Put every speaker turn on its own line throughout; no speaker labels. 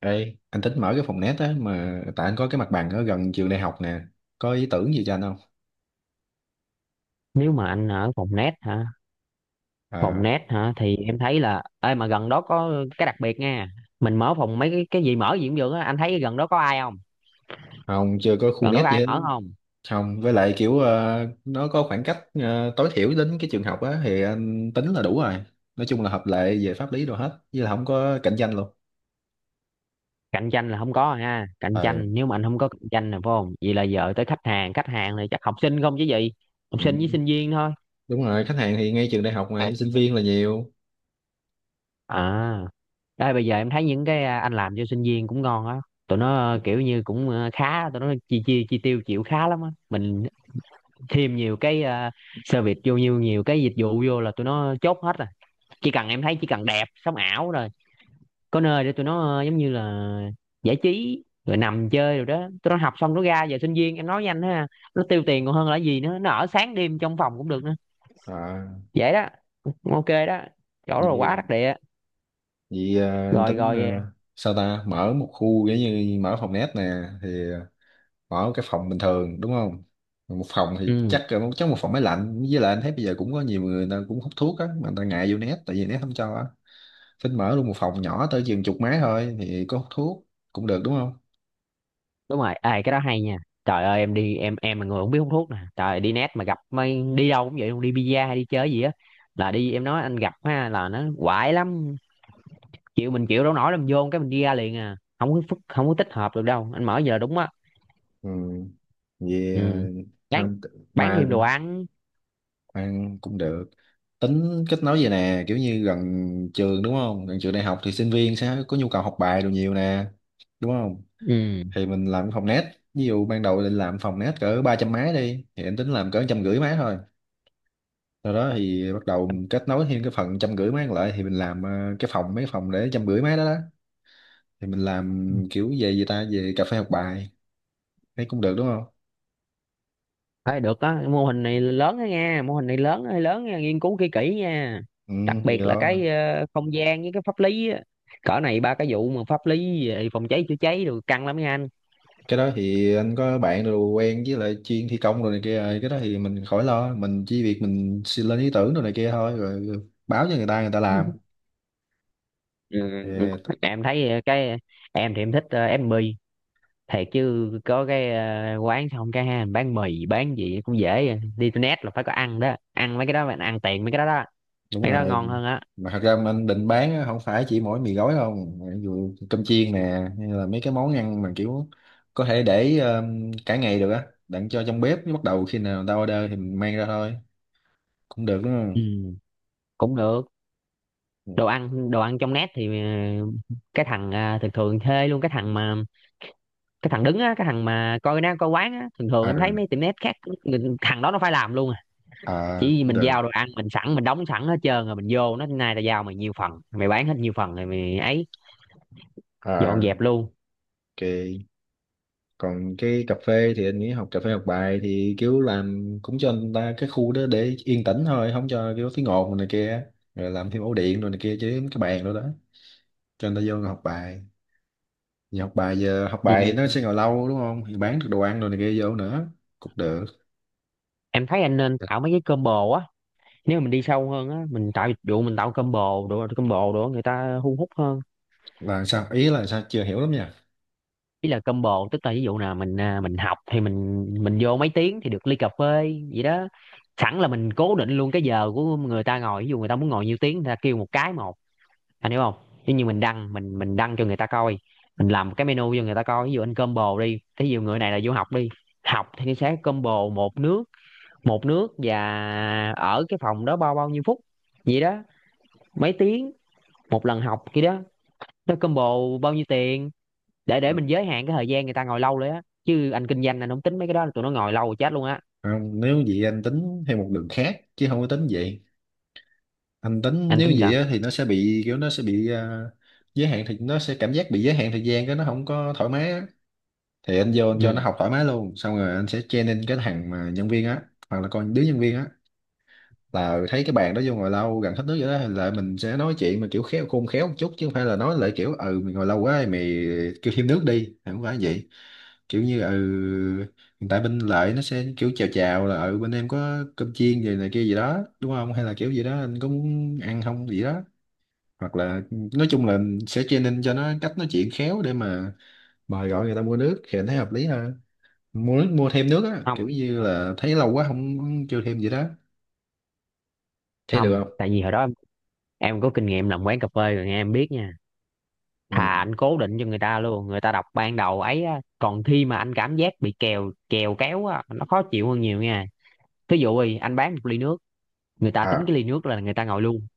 Ê, anh tính mở cái phòng net á mà tại anh có cái mặt bằng ở gần trường đại học nè. Có ý tưởng gì cho anh không?
Nếu mà anh ở phòng net hả? phòng
Ờ,
net hả thì em thấy là, ê mà gần đó có cái đặc biệt nha. Mình mở phòng mấy cái gì mở gì cũng được á, anh thấy gần đó có ai không?
không, chưa có khu
Gần đó
net
có
gì
ai
hết.
mở không?
Không, với lại kiểu nó có khoảng cách tối thiểu đến cái trường học á thì anh tính là đủ rồi. Nói chung là hợp lệ về pháp lý đồ hết, với là không có cạnh tranh luôn.
Cạnh tranh là không có ha? Cạnh
Ờ,
tranh nếu mà anh không có cạnh tranh là phải không? Vậy là giờ tới khách hàng, khách hàng này chắc học sinh không chứ gì? Học
ừ,
sinh với sinh viên thôi.
đúng rồi, khách hàng thì ngay trường đại học mà thì sinh viên là nhiều.
À, đây bây giờ em thấy những cái anh làm cho sinh viên cũng ngon á. Tụi nó kiểu như cũng khá, tụi nó chi chi chi tiêu chịu khá lắm á. Mình thêm nhiều cái service vô, nhiều nhiều cái dịch vụ vô là tụi nó chốt hết rồi. Chỉ cần em thấy chỉ cần đẹp sống ảo rồi, có nơi để tụi nó giống như là giải trí rồi nằm chơi rồi đó. Tụi nó học xong nó ra, giờ sinh viên em nói với anh ha, nó tiêu tiền còn hơn là gì nữa, nó ở sáng đêm trong phòng cũng được nữa.
Ờ,
Vậy đó. Ok đó, chỗ rồi
nhiều.
quá đắc địa.
Vậy anh
Rồi
tính
rồi,
sao ta mở một khu giống như mở phòng net nè, thì ở cái phòng bình thường đúng không. Một phòng thì
ừ.
chắc một phòng máy lạnh, với lại anh thấy bây giờ cũng có nhiều người, người ta cũng hút thuốc á mà người ta ngại vô nét tại vì nét không cho á. Phình mở luôn một phòng nhỏ tới chừng chục máy thôi thì có hút thuốc cũng được đúng không.
Đúng rồi, ê cái đó hay nha. Trời ơi em đi, em là người không biết hút thuốc nè. Trời ơi, đi net mà gặp mấy, đi đâu cũng vậy luôn, đi bida hay đi chơi gì á, là đi em nói anh gặp ha là nó quại lắm. Chịu, mình chịu đâu nổi, làm vô cái mình đi ra liền à, không có không có tích hợp được đâu anh, mở giờ đúng á.
Ừ. Vì
Ừ. bán
không
bán
mà
thêm đồ ăn.
ăn cũng được, tính kết nối vậy nè, kiểu như gần trường đúng không, gần trường đại học thì sinh viên sẽ có nhu cầu học bài đồ nhiều nè đúng không.
Ừ.
Thì mình làm phòng net, ví dụ ban đầu định làm phòng net cỡ 300 máy đi thì em tính làm cỡ 150 máy thôi. Sau đó thì bắt đầu mình kết nối thêm cái phần 150 máy còn lại thì mình làm cái phòng, mấy phòng để 150 máy đó đó, thì mình làm kiểu về gì ta, về cà phê học bài, thấy cũng được đúng không.
Thôi được á, mô hình này lớn đó nha, mô hình này lớn hơi lớn nha, nghiên cứu kỹ kỹ nha.
Ừ,
Đặc
thì Ừ,
biệt là
đó.
cái không gian với cái pháp lý á. Cỡ này ba cái vụ mà pháp lý về phòng cháy chữa cháy rồi căng lắm nha anh.
Cái đó thì anh có bạn rồi, quen với lại chuyên thi công rồi này kia rồi. Cái đó thì mình khỏi lo, mình chỉ việc mình xin lên ý tưởng rồi này kia thôi, rồi báo cho người ta, người ta
Ừ,
làm.
ừ.
Thì
Em thấy cái, em thì em thích ép mì thiệt chứ, có cái quán xong cái ha, bán mì bán gì cũng dễ, đi internet là phải có ăn đó, ăn mấy cái đó bạn ăn tiền mấy cái đó đó.
đúng
Mấy cái đó
rồi,
ngon hơn á.
mà thật ra mà anh định bán á, không phải chỉ mỗi mì gói không, ví dụ cơm chiên nè hay là mấy cái món ăn mà kiểu có thể để cả ngày được á, đặng cho trong bếp, bắt đầu khi nào người ta order thì mình mang ra thôi, cũng được đúng
Ừ, cũng được.
không.
Đồ ăn, đồ ăn trong net thì cái thằng thường thường thuê luôn cái thằng mà, cái thằng đứng á, cái thằng mà coi nó coi quán á, thường thường
À,
em thấy mấy tiệm net khác thằng đó nó phải làm luôn à. Chỉ
à
vì
cũng
mình
được.
giao đồ ăn, mình sẵn mình đóng sẵn hết trơn rồi mình vô, nó nay tao giao mày nhiêu phần mày bán hết nhiêu phần rồi mày ấy dọn
À
dẹp luôn.
ok. Còn cái cà phê thì anh nghĩ học cà phê học bài thì kiểu làm cũng cho người ta cái khu đó để yên tĩnh thôi, không cho kiểu tiếng ồn này kia, rồi làm thêm ổ điện rồi này kia chứ, cái bàn đó đó cho người ta vô ngồi học bài. Vì học bài, giờ học
Ừ.
bài thì nó sẽ ngồi lâu đúng không? Thì bán được đồ ăn đồ này kia vô nữa cũng được.
Em thấy anh nên, dạ, tạo mấy cái combo á. Nếu mà mình đi sâu hơn á, mình tạo dịch vụ, mình tạo combo đồ, combo đồ người ta thu hút hơn.
Là sao? Ý là sao? Chưa hiểu lắm nha.
Ý là combo tức là ví dụ nào mình học thì mình vô mấy tiếng thì được ly cà phê vậy đó. Sẵn là mình cố định luôn cái giờ của người ta ngồi, ví dụ người ta muốn ngồi nhiêu tiếng người ta kêu một cái một, anh hiểu không? Ví như mình đăng, mình đăng cho người ta coi, mình làm cái menu cho người ta coi, ví dụ anh combo đi, ví dụ người này là vô học đi, học thì nó sẽ combo một nước, một nước và ở cái phòng đó bao bao nhiêu phút vậy đó, mấy tiếng một lần học kia đó, nó combo bao nhiêu tiền, để mình giới hạn cái thời gian người ta ngồi lâu đấy á, chứ anh kinh doanh anh không tính mấy cái đó tụi nó ngồi lâu chết luôn á.
Không, nếu vậy anh tính theo một đường khác chứ không có tính vậy. Anh tính
Anh
nếu
tính
vậy
sao?
á, thì nó sẽ bị kiểu, nó sẽ bị giới hạn, thì nó sẽ cảm giác bị giới hạn thời gian, cái nó không có thoải mái á. Thì anh vô anh cho nó
Ừ.
học thoải mái luôn. Xong rồi anh sẽ training cái thằng mà nhân viên á, hoặc là con đứa nhân viên á, là thấy cái bàn đó vô ngồi lâu gần hết nước vậy đó là mình sẽ nói chuyện mà kiểu khéo, khôn khéo một chút, chứ không phải là nói lại kiểu ừ mày ngồi lâu quá mày kêu thêm nước đi, không phải vậy. Kiểu như ừ, hiện tại bên lại nó sẽ kiểu chào chào là ừ bên em có cơm chiên gì này kia gì đó đúng không, hay là kiểu gì đó anh có muốn ăn không gì đó. Hoặc là nói chung là sẽ training cho nó cách nói chuyện khéo để mà mời gọi người ta mua nước, thì anh thấy hợp lý hơn. Mua nước, mua thêm nước á, kiểu
Không,
như là thấy lâu quá, không chưa thêm gì đó, thấy được
không
không?
tại vì hồi đó em có kinh nghiệm làm quán cà phê rồi nghe em biết nha.
Ừ.
Thà anh cố định cho người ta luôn, người ta đọc ban đầu ấy á, còn khi mà anh cảm giác bị kèo kèo kéo á nó khó chịu hơn nhiều nha. Thí dụ đi, anh bán một ly nước, người ta tính
À.
cái ly nước là người ta ngồi luôn.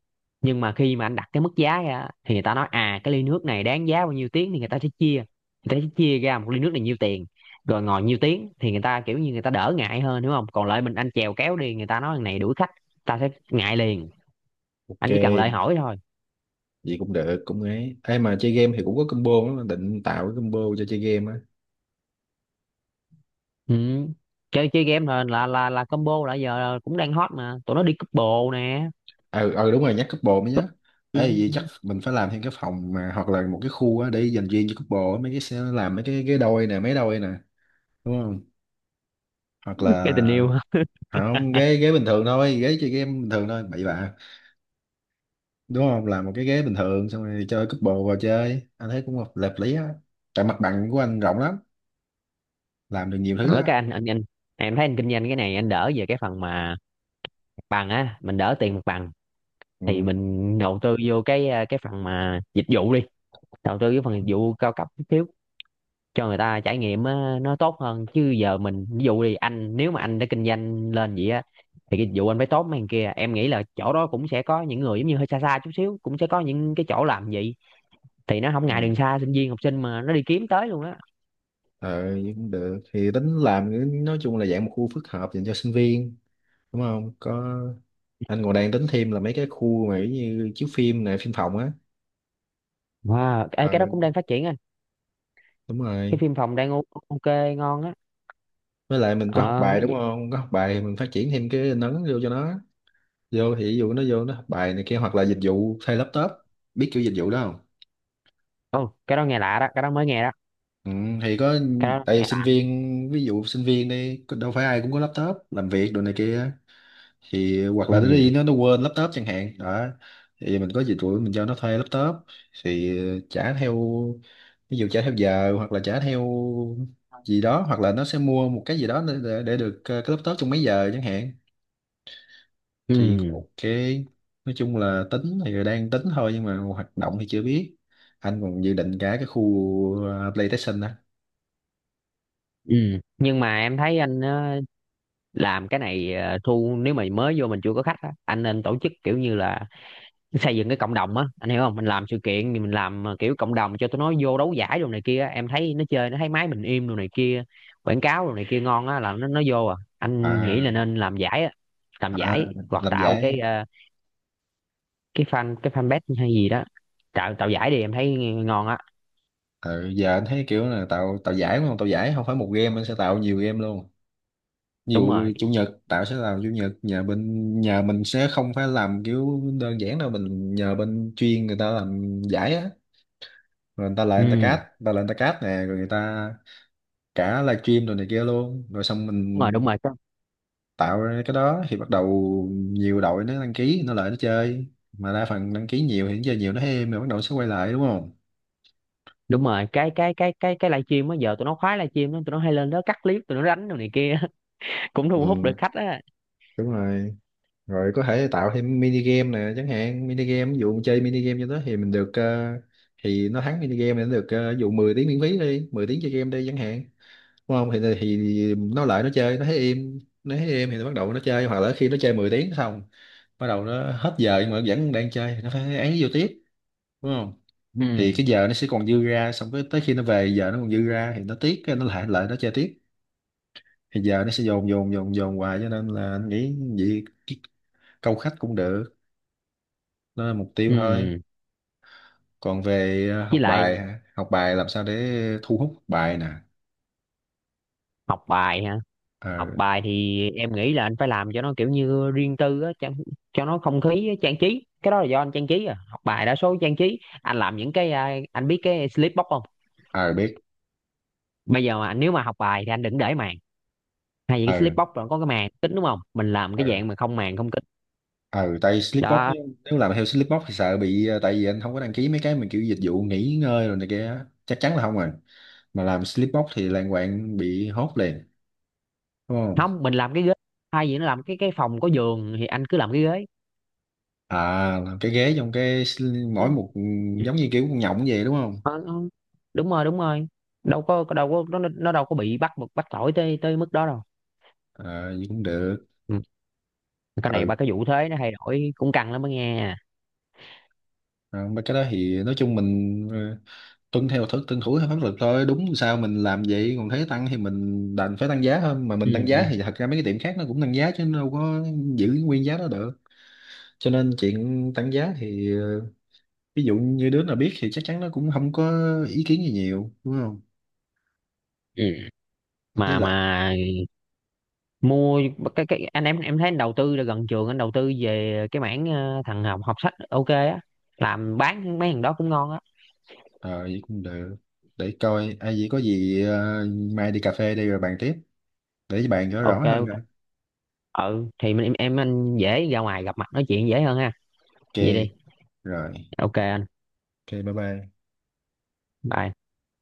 Nhưng mà khi mà anh đặt cái mức giá ra thì người ta nói à, cái ly nước này đáng giá bao nhiêu tiếng thì người ta sẽ chia, người ta sẽ chia ra một ly nước này nhiêu tiền, rồi ngồi nhiêu tiếng thì người ta kiểu như người ta đỡ ngại hơn đúng không? Còn lại mình anh chèo kéo đi người ta nói thằng này đuổi khách, ta sẽ ngại liền.
Ok,
Anh chỉ cần lời hỏi thôi.
vậy cũng được, cũng ấy. Ê mà chơi game thì cũng có combo lắm, định tạo cái combo cho chơi game á.
Ừ. chơi chơi game là combo là giờ cũng đang hot mà tụi nó đi couple nè.
Ờ, ờ đúng rồi, nhắc couple mới nhớ.
Ừ.
Ê, vậy chắc mình phải làm thêm cái phòng mà hoặc là một cái khu á để dành riêng cho couple á, mấy cái sẽ làm mấy cái ghế đôi nè, mấy đôi nè, đúng không? Hoặc là
Cái tình yêu.
không, ghế ghế bình thường thôi, ghế chơi game bình thường thôi, bậy bạ. Đúng không? Làm một cái ghế bình thường xong rồi cho couple vào chơi. Anh thấy cũng hợp hợp lý á. Tại mặt bằng của anh rộng lắm, làm được nhiều thứ
Ở
á.
cái anh em thấy anh kinh doanh cái này anh đỡ về cái phần mà mặt bằng á, mình đỡ tiền mặt bằng, thì
Ừ.
mình đầu tư vô cái cái phần mà dịch vụ đi, đầu tư cái phần dịch vụ cao cấp chút xíu cho người ta trải nghiệm á, nó tốt hơn. Chứ giờ mình ví dụ đi anh, nếu mà anh đã kinh doanh lên vậy á thì cái dịch vụ anh phải tốt mấy thằng kia, em nghĩ là chỗ đó cũng sẽ có những người giống như hơi xa xa chút xíu cũng sẽ có những cái chỗ làm vậy, thì nó không
Ừ.
ngại đường xa, sinh viên học sinh mà nó đi kiếm tới luôn á.
ờ Vậy cũng được, thì tính làm nói chung là dạng một khu phức hợp dành cho sinh viên đúng không có. Anh còn đang tính thêm là mấy cái khu mà giống như chiếu phim này, phim phòng á.
Wow ê,
Ờ
cái đó cũng đang phát triển anh.
đúng
Cái
rồi.
phim phòng đang ok ngon á.
Với lại mình có học
ờ
bài
cái
đúng
gì-
không, có học bài thì mình phát triển thêm cái nấn vô cho nó vô, thì ví dụ nó vô nó học bài này kia, hoặc là dịch vụ thay laptop, biết kiểu dịch vụ đó không.
Ồ, cái đó nghe lạ đó, cái đó mới nghe đó.
Ừ, thì có.
Cái đó
Tại vì
nghe
sinh
lạ.
viên, ví dụ sinh viên đi đâu phải ai cũng có laptop làm việc đồ này kia, thì hoặc là nó đi
Ừ.
nó quên laptop chẳng hạn đó. Thì mình có dịch vụ mình cho nó thuê laptop, thì trả theo, ví dụ trả theo giờ hoặc là trả theo gì đó, hoặc là nó sẽ mua một cái gì đó để, để được cái laptop trong mấy giờ chẳng hạn. Thì cũng
Ừ.
ok. Nói chung là tính thì đang tính thôi nhưng mà hoạt động thì chưa biết. Anh còn dự định cả cái khu PlayStation đó.
Ừ. Nhưng mà em thấy anh làm cái này thu nếu mà mới vô mình chưa có khách á, anh nên tổ chức kiểu như là xây dựng cái cộng đồng á, anh hiểu không? Mình làm sự kiện thì mình làm kiểu cộng đồng cho tụi nó vô đấu giải đồ này kia á. Em thấy nó chơi nó thấy máy mình im đồ này kia, quảng cáo đồ này kia ngon á là nó vô à. Anh nghĩ
À,
là nên làm giải á, làm
à
giải hoặc
làm
tạo cái
giải.
cái fan, cái fanpage hay gì đó. Tạo tạo giải đi em thấy ngon á.
Ừ, giờ anh thấy kiểu là tạo tạo giải đúng không, tạo giải không phải một game, anh sẽ tạo nhiều game luôn. Ví
Đúng
dụ
rồi.
chủ nhật, Tạo sẽ làm chủ nhật, nhà bên nhà mình sẽ không phải làm kiểu đơn giản đâu, mình nhờ bên chuyên người ta làm giải á, rồi người ta lại người ta cát,
Ừ.
người ta lại người ta cát nè, rồi người ta cả livestream rồi này kia luôn, rồi xong
Đúng rồi,
mình
đúng rồi.
tạo ra cái đó thì bắt đầu nhiều đội nó đăng ký nó lại nó chơi. Mà đa phần đăng ký nhiều thì nó chơi nhiều nó êm, rồi bắt đầu nó sẽ quay lại đúng không.
Đúng rồi, cái live stream á, giờ tụi nó khoái live stream đó, tụi nó hay lên đó cắt clip tụi nó đánh đồ này kia cũng thu hút được
Ừ,
khách á.
đúng rồi. Rồi có thể tạo thêm mini game nè chẳng hạn, mini game ví dụ chơi mini game cho đó thì mình được thì nó thắng mini game thì nó được ví dụ 10 tiếng miễn phí đi, 10 tiếng chơi game đi chẳng hạn đúng không. Thì nó lại nó chơi, nó thấy im, nó thấy im thì nó bắt đầu nó chơi. Hoặc là khi nó chơi 10 tiếng xong bắt đầu nó hết giờ nhưng mà vẫn đang chơi thì nó phải ấy vô tiếp đúng không. Thì cái
Ừ.
giờ nó sẽ còn dư ra, xong cái tới khi nó về giờ nó còn dư ra thì nó tiếc, cái nó lại lại nó chơi tiếp. Thì giờ nó sẽ dồn dồn dồn dồn hoài, cho nên là anh nghĩ vậy cái câu khách cũng được, đó là mục tiêu thôi.
Ừ.
Còn về
Với
học
lại
bài hả? Học bài làm sao để thu hút học bài nè.
học bài hả? Học
Ờ.
bài thì em nghĩ là anh phải làm cho nó kiểu như riêng tư á, cho nó không khí á, trang trí cái đó là do anh trang trí. À học bài đa số trang trí, anh làm những cái anh biết cái slip box không?
Ờ biết.
Bây giờ mà nếu mà học bài thì anh đừng để màn, hay những cái
Ờ,
slip box rồi có cái màn kính đúng không, mình làm
ờ,
cái dạng mà không màn không kính
ờ, tại Slipbox,
đó.
nếu làm theo Slipbox thì sợ bị tại vì anh không có đăng ký mấy cái mà kiểu dịch vụ nghỉ ngơi rồi này kia á. Chắc chắn là không rồi. Mà làm Slipbox thì lan quạng bị hốt liền đúng không.
Không, mình làm cái ghế hay gì nó, làm cái phòng có giường thì anh cứ làm cái ghế.
À, làm cái ghế trong cái
Ừ.
mỗi một giống như kiểu con nhộng vậy đúng không.
Ờ, ừ. Đúng rồi, đúng rồi. Đâu có nó đâu có bị bắt bắt tội tới tới mức đó đâu.
Ờ vậy cũng được.
Ừ. Cái này
Ừ.
ba cái vụ thuế nó thay đổi cũng căng lắm đó nghe.
À, mấy cái đó thì nói chung mình tuân thủ theo pháp luật thôi, đúng sao mình làm vậy, còn thấy tăng thì mình đành phải tăng giá thôi, mà
Ừ.
mình tăng giá
Ừ.
thì thật ra mấy cái tiệm khác nó cũng tăng giá chứ đâu có giữ nguyên giá đó được. Cho nên chuyện tăng giá thì ví dụ như đứa nào biết thì chắc chắn nó cũng không có ý kiến gì nhiều đúng không.
Ừ.
Với
mà
lại
mà mua cái anh em thấy anh đầu tư là gần trường, anh đầu tư về cái mảng thằng học học sách ok á, làm bán mấy thằng đó cũng ngon á.
ờ vậy cũng được, để coi ai vậy có gì mai đi cà phê đi rồi bàn tiếp, để bàn cho
Ok
rõ hơn
ok.
rồi.
Ừ thì mình em anh dễ ra ngoài gặp mặt nói chuyện dễ hơn ha.
Ok
Vậy đi.
rồi.
Ok anh.
Ok bye bye.
Bye.